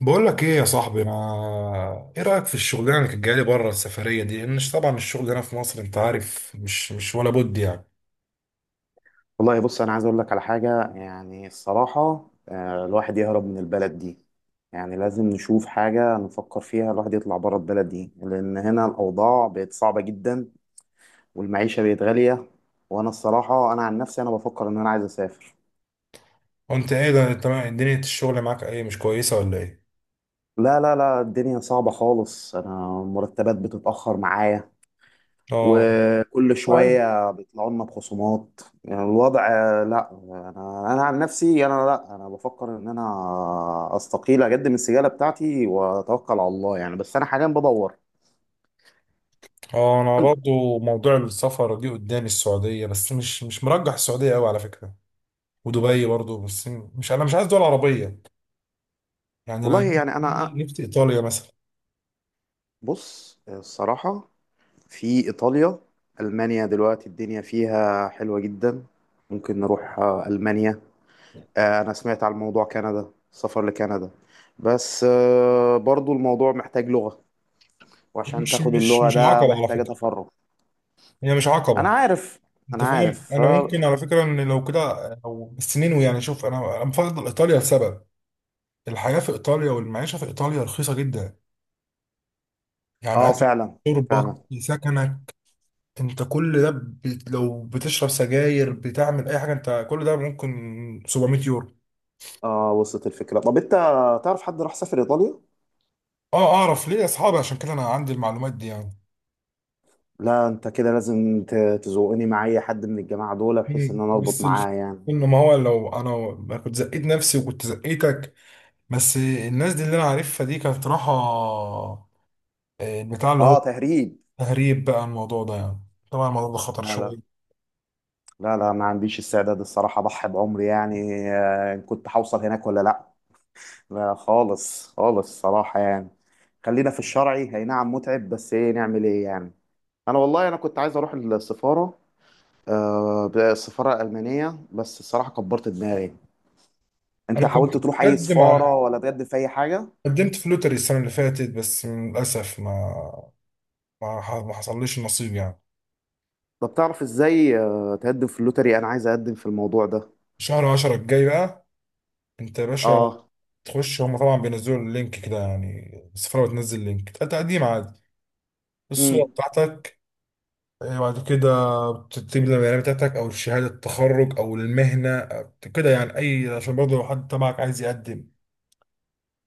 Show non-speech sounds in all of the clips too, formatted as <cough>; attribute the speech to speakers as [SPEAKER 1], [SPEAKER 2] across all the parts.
[SPEAKER 1] بقول لك ايه يا صاحبي، ما ايه رايك في الشغلانه اللي كانت جايه لي بره؟ السفريه دي، لان طبعا الشغل هنا في مصر انت عارف، مش ولا بد يعني.
[SPEAKER 2] والله بص، انا عايز اقول لك على حاجه. يعني الصراحه، الواحد يهرب من البلد دي. يعني لازم نشوف حاجه نفكر فيها. الواحد يطلع بره البلد دي، لان هنا الاوضاع بقت صعبه جدا، والمعيشه بقت غاليه. وانا الصراحه، انا عن نفسي، انا بفكر ان انا عايز اسافر.
[SPEAKER 1] وانت ايه ده؟ انت دنيا الشغل معاك ايه، مش كويسه ولا ايه؟
[SPEAKER 2] لا، لا، لا، الدنيا صعبه خالص. انا المرتبات بتتاخر معايا،
[SPEAKER 1] اه
[SPEAKER 2] وكل
[SPEAKER 1] طيب.
[SPEAKER 2] شوية بيطلعوا لنا بخصومات، يعني الوضع. لا، أنا عن نفسي، أنا، لا، أنا بفكر إن أنا أستقيل، أقدم السجالة بتاعتي وأتوكل على الله، يعني. بس أنا حاليا بدور.
[SPEAKER 1] اه انا برضو موضوع السفر دي قدامي السعوديه، بس مش مرجح السعوديه قوي على فكره. ودبي برضو، بس مش انا مش عايز دول عربيه. يعني انا
[SPEAKER 2] والله يعني
[SPEAKER 1] نفسي
[SPEAKER 2] أنا،
[SPEAKER 1] نفسي ايطاليا مثلا.
[SPEAKER 2] بص الصراحة، في إيطاليا، ألمانيا دلوقتي الدنيا فيها حلوة جدا. ممكن نروح، ألمانيا. أنا سمعت على الموضوع كندا، السفر لكندا. بس برضو الموضوع محتاج لغة، وعشان
[SPEAKER 1] مش
[SPEAKER 2] تاخد
[SPEAKER 1] مش
[SPEAKER 2] اللغة
[SPEAKER 1] مش
[SPEAKER 2] ده
[SPEAKER 1] عقبه على
[SPEAKER 2] محتاجة
[SPEAKER 1] فكره،
[SPEAKER 2] تفرغ.
[SPEAKER 1] هي مش
[SPEAKER 2] انا
[SPEAKER 1] عقبه.
[SPEAKER 2] عارف.
[SPEAKER 1] انت
[SPEAKER 2] انا
[SPEAKER 1] فاهم؟
[SPEAKER 2] عارف،
[SPEAKER 1] انا ممكن
[SPEAKER 2] اه.
[SPEAKER 1] على فكره ان لو كده، او السنين يعني. شوف انا بفضل ايطاليا لسبب. الحياه في ايطاليا والمعيشه في ايطاليا رخيصه جدا. يعني اكل،
[SPEAKER 2] فعلا.
[SPEAKER 1] شربك،
[SPEAKER 2] فعلا.
[SPEAKER 1] سكنك. انت كل ده لو بتشرب سجاير، بتعمل اي حاجه، انت كل ده ممكن 700 يورو.
[SPEAKER 2] اه، وصلت الفكره. طب انت تعرف حد راح سافر ايطاليا؟
[SPEAKER 1] اه اعرف ليه؟ اصحابي، عشان كده انا عندي المعلومات دي يعني.
[SPEAKER 2] لا، انت كده لازم تزوقني مع اي حد من الجماعه دول، بحيث ان
[SPEAKER 1] مم.
[SPEAKER 2] انا اربط
[SPEAKER 1] بس الف...
[SPEAKER 2] معاه، يعني.
[SPEAKER 1] انه ما هو لو انا ما كنت زقيت نفسي، وكنت زقيتك. بس الناس دي اللي انا عارفها دي كانت راحه البتاع اللي هو.
[SPEAKER 2] اه، تهريب.
[SPEAKER 1] تهريب بقى الموضوع ده يعني، طبعا الموضوع ده خطر
[SPEAKER 2] لا، لا،
[SPEAKER 1] شوية.
[SPEAKER 2] لا، لا، ما عنديش استعداد الصراحه اضحي بعمري، يعني. إن كنت هوصل هناك ولا لا. لا، خالص، خالص، صراحه، يعني. خلينا في الشرعي، هي نعم متعب، بس ايه نعمل ايه يعني. انا والله، انا كنت عايز اروح السفاره، السفارة الألمانية، بس الصراحة كبرت دماغي. أنت
[SPEAKER 1] أنا كنت
[SPEAKER 2] حاولت تروح أي
[SPEAKER 1] مقدم
[SPEAKER 2] سفارة
[SPEAKER 1] على،
[SPEAKER 2] ولا تقدم في أي حاجة؟
[SPEAKER 1] قدمت في لوتري السنة اللي فاتت، بس للأسف ما حصلليش النصيب يعني.
[SPEAKER 2] طب تعرف إزاي تقدم في اللوتري؟ أنا عايز أقدم في الموضوع ده.
[SPEAKER 1] شهر عشرة الجاي بقى. أنت يا باشا
[SPEAKER 2] آه.
[SPEAKER 1] تخش، هما طبعا بينزلوا اللينك كده يعني، السفارة بتنزل لينك تقديم عادي. الصورة
[SPEAKER 2] امم.
[SPEAKER 1] بتاعتك، إيه، بعد كده بتكتب البيانات بتاعتك أو شهادة التخرج أو المهنة أو كده يعني، أي عشان برضه لو حد تبعك عايز يقدم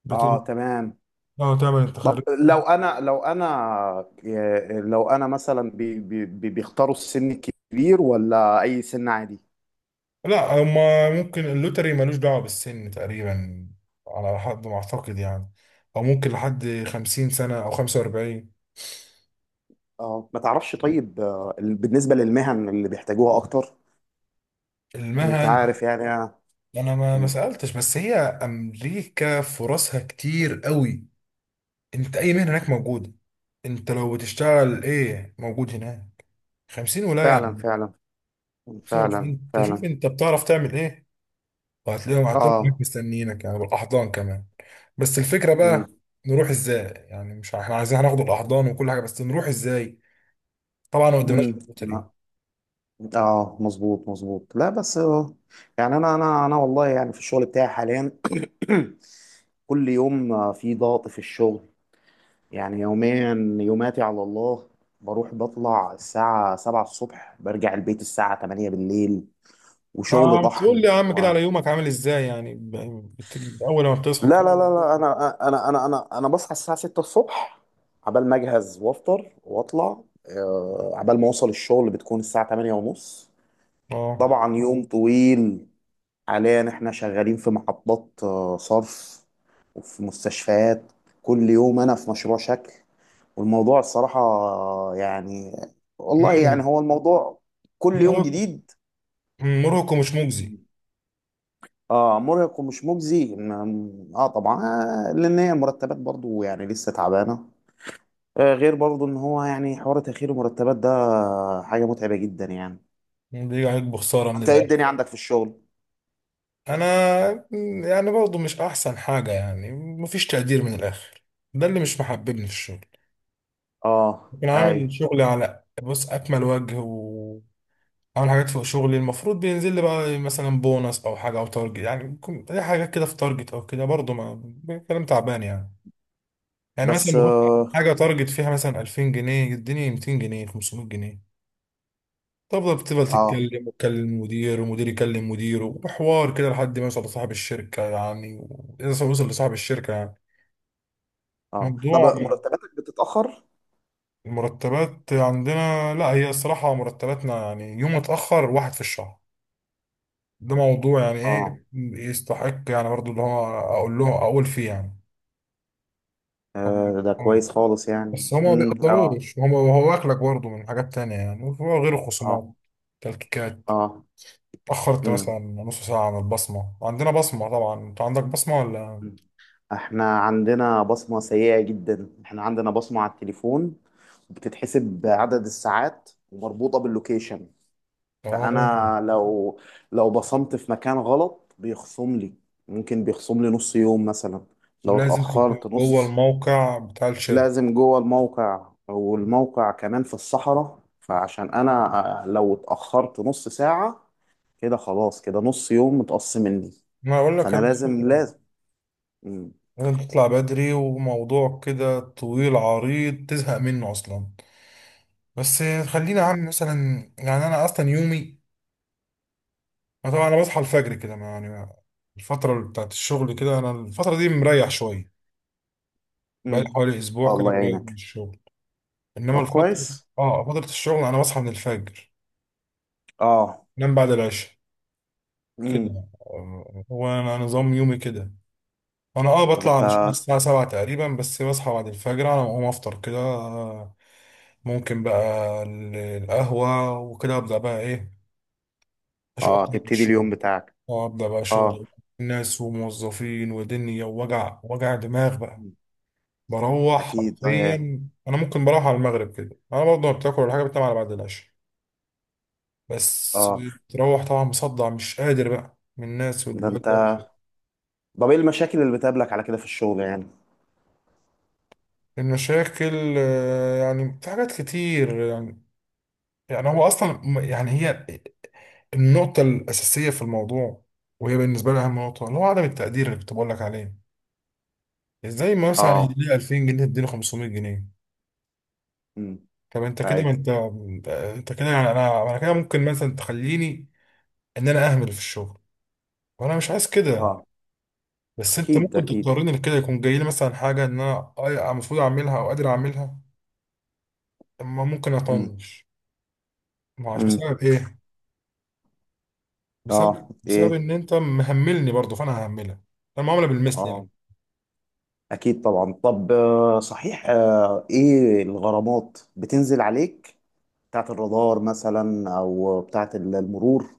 [SPEAKER 1] بتبقى
[SPEAKER 2] آه، تمام.
[SPEAKER 1] تعمل التخرج.
[SPEAKER 2] طب لو أنا، لو أنا مثلا، بيختاروا السن الكبير ولا أي سن عادي؟
[SPEAKER 1] لا، هما ممكن اللوتري ملوش دعوة بالسن تقريبا، على حد ما أعتقد يعني. أو ممكن لحد خمسين سنة أو خمسة وأربعين.
[SPEAKER 2] آه، ما تعرفش. طيب، بالنسبة للمهن اللي بيحتاجوها أكتر، أنت
[SPEAKER 1] المهن،
[SPEAKER 2] عارف يعني.
[SPEAKER 1] أنا ما
[SPEAKER 2] مم.
[SPEAKER 1] سألتش، بس هي أمريكا فرصها كتير قوي. أنت أي مهنة هناك موجودة. أنت لو بتشتغل إيه، موجود هناك. خمسين ولاية
[SPEAKER 2] فعلا،
[SPEAKER 1] يعني.
[SPEAKER 2] فعلا.
[SPEAKER 1] خمسين
[SPEAKER 2] فعلا،
[SPEAKER 1] وعشرين، أنت شوف
[SPEAKER 2] فعلا.
[SPEAKER 1] أنت بتعرف تعمل إيه. وهتلاقيهم هناك
[SPEAKER 2] آه.
[SPEAKER 1] مستنيينك يعني، بالاحضان كمان. بس الفكره
[SPEAKER 2] مم.
[SPEAKER 1] بقى، نروح ازاي يعني؟ مش احنا عايزين هناخد الاحضان وكل حاجه، بس نروح ازاي؟ طبعا ما قدمناش
[SPEAKER 2] مم.
[SPEAKER 1] غير الطريق.
[SPEAKER 2] لا. اه، مظبوط، مظبوط. لا بس، يعني انا والله يعني في الشغل بتاعي حاليا <clears throat> كل يوم في ضغط في الشغل. يعني يوميا، يوماتي على الله. بروح بطلع الساعة 7 الصبح، برجع البيت الساعة 8 بالليل، وشغل
[SPEAKER 1] اه بتقول لي
[SPEAKER 2] طحن
[SPEAKER 1] يا عم كده، على يومك عامل ازاي يعني؟ اول ما بتصحى
[SPEAKER 2] لا،
[SPEAKER 1] كده.
[SPEAKER 2] لا، لا، لا، انا بصحى الساعة 6 الصبح. عبال ما اجهز وافطر واطلع، عبال ما اوصل الشغل بتكون الساعة 8 ونص.
[SPEAKER 1] اه
[SPEAKER 2] طبعا يوم طويل. حاليا احنا شغالين في محطات صرف، وفي مستشفيات. كل يوم انا في مشروع شكل. والموضوع الصراحة، يعني والله
[SPEAKER 1] مرهق
[SPEAKER 2] يعني هو الموضوع كل يوم
[SPEAKER 1] مرهق.
[SPEAKER 2] جديد.
[SPEAKER 1] مرهق ومش مجزي.
[SPEAKER 2] اه، مرهق ومش مجزي، اه، طبعا. لان هي مرتبات برضو يعني لسه تعبانة. آه، غير برضو ان هو يعني حوار تأخير المرتبات ده حاجة متعبة جدا، يعني.
[SPEAKER 1] بيجي عليك بخساره من
[SPEAKER 2] انت ايه
[SPEAKER 1] الاخر.
[SPEAKER 2] الدنيا عندك في الشغل؟
[SPEAKER 1] انا يعني برضه مش احسن حاجه يعني، مفيش تقدير من الاخر. ده اللي مش محببني في الشغل.
[SPEAKER 2] اه،
[SPEAKER 1] كنت عامل
[SPEAKER 2] ايوه.
[SPEAKER 1] شغلي على بص اكمل وجه. اعمل حاجات فوق شغلي المفروض، بينزل لي بقى مثلا بونص او حاجه او تارجت يعني. بيكون اي حاجه كده في تارجت او كده، برضه ما كلام تعبان يعني. يعني مثلا
[SPEAKER 2] بس
[SPEAKER 1] المفروض حاجه تارجت فيها مثلا 2000 جنيه، يديني 200 جنيه، 500 جنيه. بتفضل
[SPEAKER 2] آه.
[SPEAKER 1] تتكلم وتكلم المدير، ومدير يكلم مديره، وحوار كده لحد ما يوصل لصاحب الشركه يعني. اذا وصل لصاحب الشركه يعني.
[SPEAKER 2] اه، طب
[SPEAKER 1] موضوع
[SPEAKER 2] مرتباتك بتتأخر؟
[SPEAKER 1] المرتبات عندنا، لا هي الصراحه مرتباتنا يعني يوم اتاخر واحد في الشهر. ده موضوع يعني
[SPEAKER 2] اه.
[SPEAKER 1] ايه يستحق يعني برضو اللي هو اقول له، اقول فيه يعني.
[SPEAKER 2] ده
[SPEAKER 1] آه.
[SPEAKER 2] كويس خالص، يعني.
[SPEAKER 1] بس هما ما
[SPEAKER 2] اه.
[SPEAKER 1] بيقدروش، هما هو واكلك برضو من حاجات تانية يعني غير الخصومات،
[SPEAKER 2] اه.
[SPEAKER 1] تلكيكات.
[SPEAKER 2] اه.
[SPEAKER 1] اتأخرت
[SPEAKER 2] امم.
[SPEAKER 1] مثلا نص ساعة عن البصمة. عندنا بصمة طبعا. انت عندك بصمة ولا؟
[SPEAKER 2] أمم. احنا عندنا بصمة سيئة جدا. احنا عندنا بصمة على التليفون، بتتحسب بعدد الساعات ومربوطة باللوكيشن.
[SPEAKER 1] اه،
[SPEAKER 2] فانا لو، بصمت في مكان غلط بيخصم لي. ممكن بيخصم لي نص يوم مثلا، لو
[SPEAKER 1] لازم تكون
[SPEAKER 2] اتأخرت
[SPEAKER 1] جوه
[SPEAKER 2] نص.
[SPEAKER 1] الموقع بتاع الشركة.
[SPEAKER 2] لازم جوه الموقع، والموقع كمان في الصحراء. فعشان انا لو اتأخرت نص ساعة، كده خلاص، كده نص يوم متقص مني.
[SPEAKER 1] ما اقول لك
[SPEAKER 2] فانا
[SPEAKER 1] هذه الفكرة.
[SPEAKER 2] لازم. مم.
[SPEAKER 1] لازم تطلع بدري، وموضوع كده طويل عريض تزهق منه اصلا. بس خلينا عن مثلا. يعني انا اصلا يومي، أنا طبعا انا بصحى الفجر كده ما يعني. الفتره بتاعت الشغل كده، انا الفتره دي مريح شويه. بقالي
[SPEAKER 2] مم.
[SPEAKER 1] حوالي اسبوع كده
[SPEAKER 2] الله
[SPEAKER 1] مريح من
[SPEAKER 2] يعينك.
[SPEAKER 1] الشغل. انما
[SPEAKER 2] طب
[SPEAKER 1] الفتره،
[SPEAKER 2] كويس.
[SPEAKER 1] اه فتره الشغل انا بصحى من الفجر،
[SPEAKER 2] اه.
[SPEAKER 1] انام بعد العشاء
[SPEAKER 2] مم.
[SPEAKER 1] كده. هو انا نظام يومي كده. انا اه
[SPEAKER 2] طب
[SPEAKER 1] بطلع
[SPEAKER 2] انت.
[SPEAKER 1] على شغل الساعه 7 تقريبا، بس بصحى بعد الفجر. انا بقوم افطر كده، ممكن بقى القهوه وكده. ابدا بقى ايه، اشوف
[SPEAKER 2] اه،
[SPEAKER 1] أطلع من
[SPEAKER 2] تبتدي
[SPEAKER 1] الشغل.
[SPEAKER 2] اليوم بتاعك.
[SPEAKER 1] اه ابدا بقى
[SPEAKER 2] اه.
[SPEAKER 1] شغل، ناس وموظفين ودنيا، ووجع دماغ بقى.
[SPEAKER 2] مم.
[SPEAKER 1] بروح
[SPEAKER 2] اكيد، اه.
[SPEAKER 1] حرفيا. انا ممكن بروح على المغرب كده، انا برضه ما بتاكل ولا حاجه، بتنام على بعد العشاء. بس
[SPEAKER 2] اه،
[SPEAKER 1] بتروح طبعا مصدع، مش قادر بقى من الناس
[SPEAKER 2] ده انت.
[SPEAKER 1] والدوشه.
[SPEAKER 2] طب ايه المشاكل اللي بتقابلك على كده في الشغل يعني؟
[SPEAKER 1] المشاكل، يعني في حاجات كتير يعني. يعني هو اصلا، يعني هي النقطه الاساسيه في الموضوع، وهي بالنسبه لي اهم نقطه، اللي هو عدم التقدير اللي كنت بقول لك عليه. ازاي ما مثلا
[SPEAKER 2] اه.
[SPEAKER 1] يديني 2000 جنيه، تديني 500 جنيه؟
[SPEAKER 2] امم.
[SPEAKER 1] طب انت كده، ما
[SPEAKER 2] ايوه.
[SPEAKER 1] انت، انت كده يعني، انا كده ممكن مثلا تخليني ان انا اهمل في الشغل، وانا مش عايز كده.
[SPEAKER 2] اه،
[SPEAKER 1] بس انت
[SPEAKER 2] اكيد،
[SPEAKER 1] ممكن
[SPEAKER 2] اكيد.
[SPEAKER 1] تضطرني لكده. يكون جاي لي مثلا حاجه ان انا المفروض اعملها او قادر اعملها، اما ممكن
[SPEAKER 2] امم.
[SPEAKER 1] اطنش. ما عارف
[SPEAKER 2] امم.
[SPEAKER 1] بسبب ايه.
[SPEAKER 2] اه.
[SPEAKER 1] بسبب
[SPEAKER 2] ايه.
[SPEAKER 1] ان انت مهملني برضه، فانا ههملك. انا معامله بالمثل يعني.
[SPEAKER 2] اه، أكيد طبعا. طب صحيح، إيه الغرامات بتنزل عليك، بتاعة الرادار مثلا أو بتاعة المرور،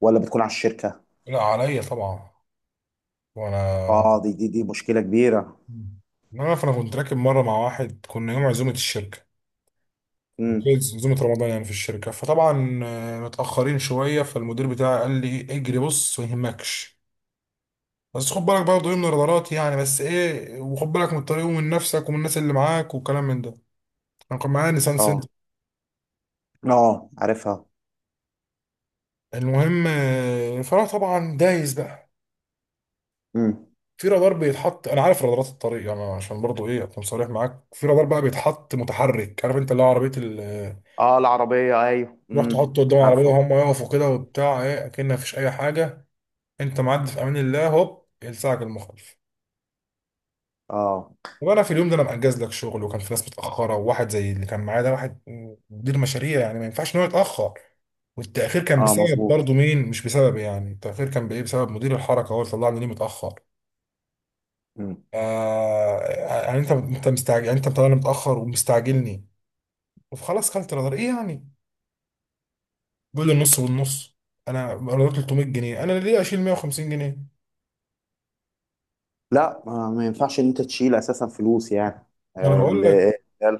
[SPEAKER 2] ولا بتكون على الشركة؟
[SPEAKER 1] لا عليا طبعا. وانا
[SPEAKER 2] آه، دي مشكلة كبيرة.
[SPEAKER 1] انا فانا كنت راكب مره مع واحد، كنا يوم عزومه الشركه،
[SPEAKER 2] امم.
[SPEAKER 1] عزومه رمضان يعني في الشركه. فطبعا متاخرين شويه، فالمدير بتاعي قال لي اجري، بص ما يهمكش، بس خد بالك برضه ايه من الغلط يعني. بس ايه، وخد بالك من الطريق ومن نفسك ومن الناس اللي معاك والكلام من ده. انا كان معايا نيسان سنتر.
[SPEAKER 2] آه. آه، عارفها.
[SPEAKER 1] المهم، فانا طبعا دايس بقى
[SPEAKER 2] امم.
[SPEAKER 1] في رادار بيتحط. انا عارف رادارات الطريق. انا عشان برضه ايه اكون صريح معاك، في رادار بقى بيتحط متحرك، عارف انت اللي هو عربيه
[SPEAKER 2] آه، العربية، أيوه،
[SPEAKER 1] تروح
[SPEAKER 2] امم،
[SPEAKER 1] تحطه قدام العربيه
[SPEAKER 2] عارفه.
[SPEAKER 1] وهم يقفوا كده وبتاع ايه، اكن مفيش اي حاجه. انت معدي في امان الله، هوب يلسعك المخالف.
[SPEAKER 2] آه.
[SPEAKER 1] وانا في اليوم ده، انا مأجز لك شغل، وكان في ناس متأخرة، وواحد زي اللي كان معايا ده، واحد مدير مشاريع يعني، ما ينفعش ان هو يتأخر. والتأخير كان
[SPEAKER 2] آه،
[SPEAKER 1] بسبب
[SPEAKER 2] مظبوط.
[SPEAKER 1] برضه مين؟ مش بسبب يعني، التأخير كان بإيه؟ بسبب مدير الحركة هو اللي طلعني ليه متأخر.
[SPEAKER 2] امم.
[SPEAKER 1] يعني انت مستعجل يعني، انت مطلعني متأخر ومستعجلني. وخلاص كلت رادار، ايه يعني؟ بيقول لي النص والنص. انا رادار 300 جنيه، انا ليه اشيل 150 جنيه؟
[SPEAKER 2] لا، ما ينفعش إن أنت تشيل أساسا فلوس، يعني.
[SPEAKER 1] انا
[SPEAKER 2] آه.
[SPEAKER 1] بقول لك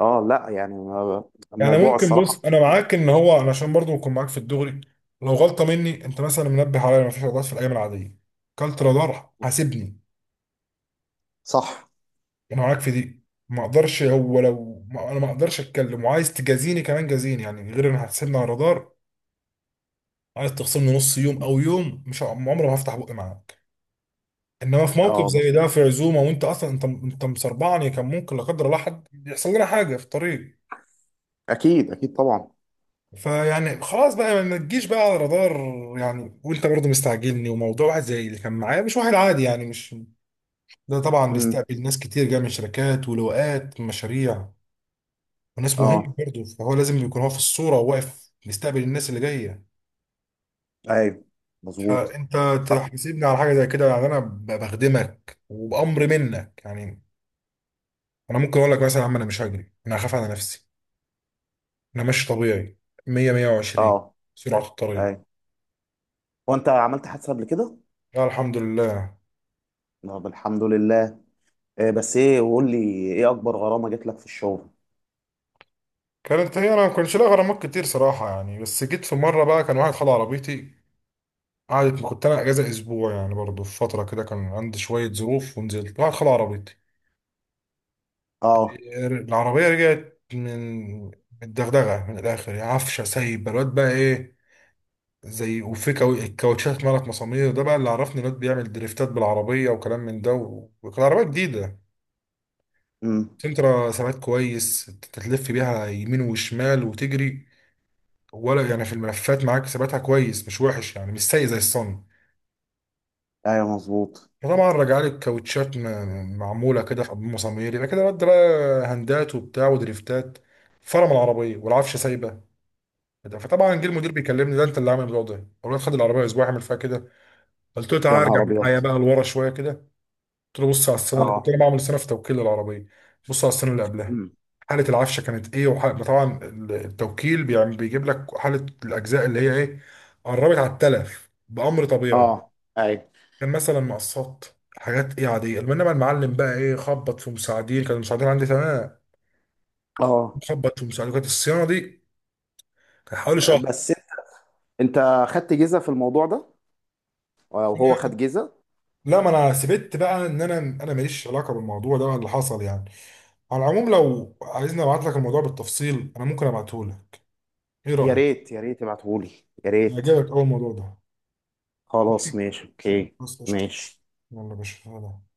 [SPEAKER 2] اه، لا، يعني
[SPEAKER 1] يعني.
[SPEAKER 2] الموضوع
[SPEAKER 1] ممكن
[SPEAKER 2] الصراحة.
[SPEAKER 1] بص، انا معاك ان هو، انا عشان برضو اكون معاك في الدغري، لو غلطه مني انت مثلا منبه عليا ما فيش رادارات في الايام العاديه، كلت رادار حاسبني.
[SPEAKER 2] صح.
[SPEAKER 1] انا معاك في دي ما اقدرش. هو لو، ما انا ما اقدرش اتكلم، وعايز تجازيني كمان جازيني يعني، غير ان هتحسبني على الرادار. عايز تخصمني نص يوم او يوم، مش عمري ما هفتح بقي معاك. انما في موقف
[SPEAKER 2] اه،
[SPEAKER 1] زي ده،
[SPEAKER 2] مظبوط،
[SPEAKER 1] في عزومه، وانت اصلا انت مسربعني، كان ممكن لا قدر الله حد يحصل لنا حاجه في الطريق.
[SPEAKER 2] اكيد، اكيد، طبعا.
[SPEAKER 1] فيعني خلاص بقى، ما تجيش بقى على رادار يعني. وانت برضه مستعجلني، وموضوع واحد زي اللي كان معايا مش واحد عادي يعني، مش ده طبعا.
[SPEAKER 2] امم.
[SPEAKER 1] بيستقبل ناس كتير جايه من شركات ولواءات مشاريع، وناس مهمه
[SPEAKER 2] اه.
[SPEAKER 1] برضه، فهو لازم يكون هو في الصوره وواقف بيستقبل الناس اللي جايه.
[SPEAKER 2] ايوه، مظبوط.
[SPEAKER 1] فانت
[SPEAKER 2] اه.
[SPEAKER 1] تحاسبني على حاجه زي كده يعني؟ انا بخدمك وبامر منك يعني. انا ممكن اقول لك مثلا يا عم، انا مش هجري، انا هخاف على نفسي. انا ماشي طبيعي 100، 120،
[SPEAKER 2] آه،
[SPEAKER 1] سرعه الطريق.
[SPEAKER 2] ايوه. هو انت عملت حادثه قبل كده؟
[SPEAKER 1] لا الحمد لله.
[SPEAKER 2] طب الحمد لله. إيه بس، ايه، وقول لي، ايه اكبر غرامه جات لك في الشغل؟
[SPEAKER 1] كانت هي، انا ما كنتش لاقي غرامات كتير صراحه يعني. بس جيت في مره بقى، كان واحد خد عربيتي. قعدت، كنت انا اجازه اسبوع يعني برضه، في فتره كده كان عندي شويه ظروف، ونزلت. واحد خد عربيتي،
[SPEAKER 2] اه.
[SPEAKER 1] العربيه رجعت من الدغدغه من الاخر يعني. عفشه سايب الواد بقى ايه، زي وفي الكاوتشات مالت مسامير. ده بقى اللي عرفني الواد بيعمل دريفتات بالعربيه وكلام من ده، و- وكان عربيه جديده
[SPEAKER 2] امم.
[SPEAKER 1] سنترا، ثبات كويس. تلف بيها يمين وشمال وتجري، ولا يعني في الملفات معاك ثباتها كويس مش وحش يعني، مش سيء زي الصن.
[SPEAKER 2] ايوه، مظبوط.
[SPEAKER 1] فطبعا رجع لي الكاوتشات معموله كده في مصامير، يبقى كده رد بقى هندات وبتاع ودريفتات، فرم العربيه والعفشه سايبه. فطبعا جه المدير بيكلمني، ده انت اللي عامل الموضوع ده؟ اقول له خد العربيه اسبوع اعمل فيها كده. قلت له
[SPEAKER 2] يا
[SPEAKER 1] تعالى ارجع
[SPEAKER 2] نهار ابيض.
[SPEAKER 1] معايا بقى لورا شويه كده. قلت له بص على السنه اللي كنت
[SPEAKER 2] اه.
[SPEAKER 1] انا بعمل سنه في توكيل العربيه، بص على السنه اللي قبلها،
[SPEAKER 2] امم.
[SPEAKER 1] حالة العفشة كانت ايه؟ وحالة طبعا التوكيل بيعمل بيجيب لك حالة الأجزاء اللي هي ايه. قربت على التلف بأمر طبيعي.
[SPEAKER 2] اه. ايوه.
[SPEAKER 1] كان مثلا مقصات، حاجات ايه عادية. انما المعلم بقى ايه، خبط في مساعدين. كان المساعدين عندي تمام،
[SPEAKER 2] اه.
[SPEAKER 1] خبط في مساعدين كانت الصيانة دي، كان حوالي شهر.
[SPEAKER 2] بس انت خدت جيزه في الموضوع ده، وهو خد جيزه؟
[SPEAKER 1] لا ما انا سبت بقى ان انا ماليش علاقه بالموضوع ده اللي حصل يعني. على العموم لو عايزني ابعت لك الموضوع بالتفصيل انا ممكن ابعته لك. ايه
[SPEAKER 2] يا
[SPEAKER 1] رايك؟
[SPEAKER 2] ريت. يا ريت ابعتهولي. يا ريت.
[SPEAKER 1] يعجبك اول الموضوع ده.
[SPEAKER 2] خلاص،
[SPEAKER 1] ماشي،
[SPEAKER 2] ماشي، اوكي.
[SPEAKER 1] خلاص قشطه.
[SPEAKER 2] ماشي.
[SPEAKER 1] يلا يا باشا، سلام.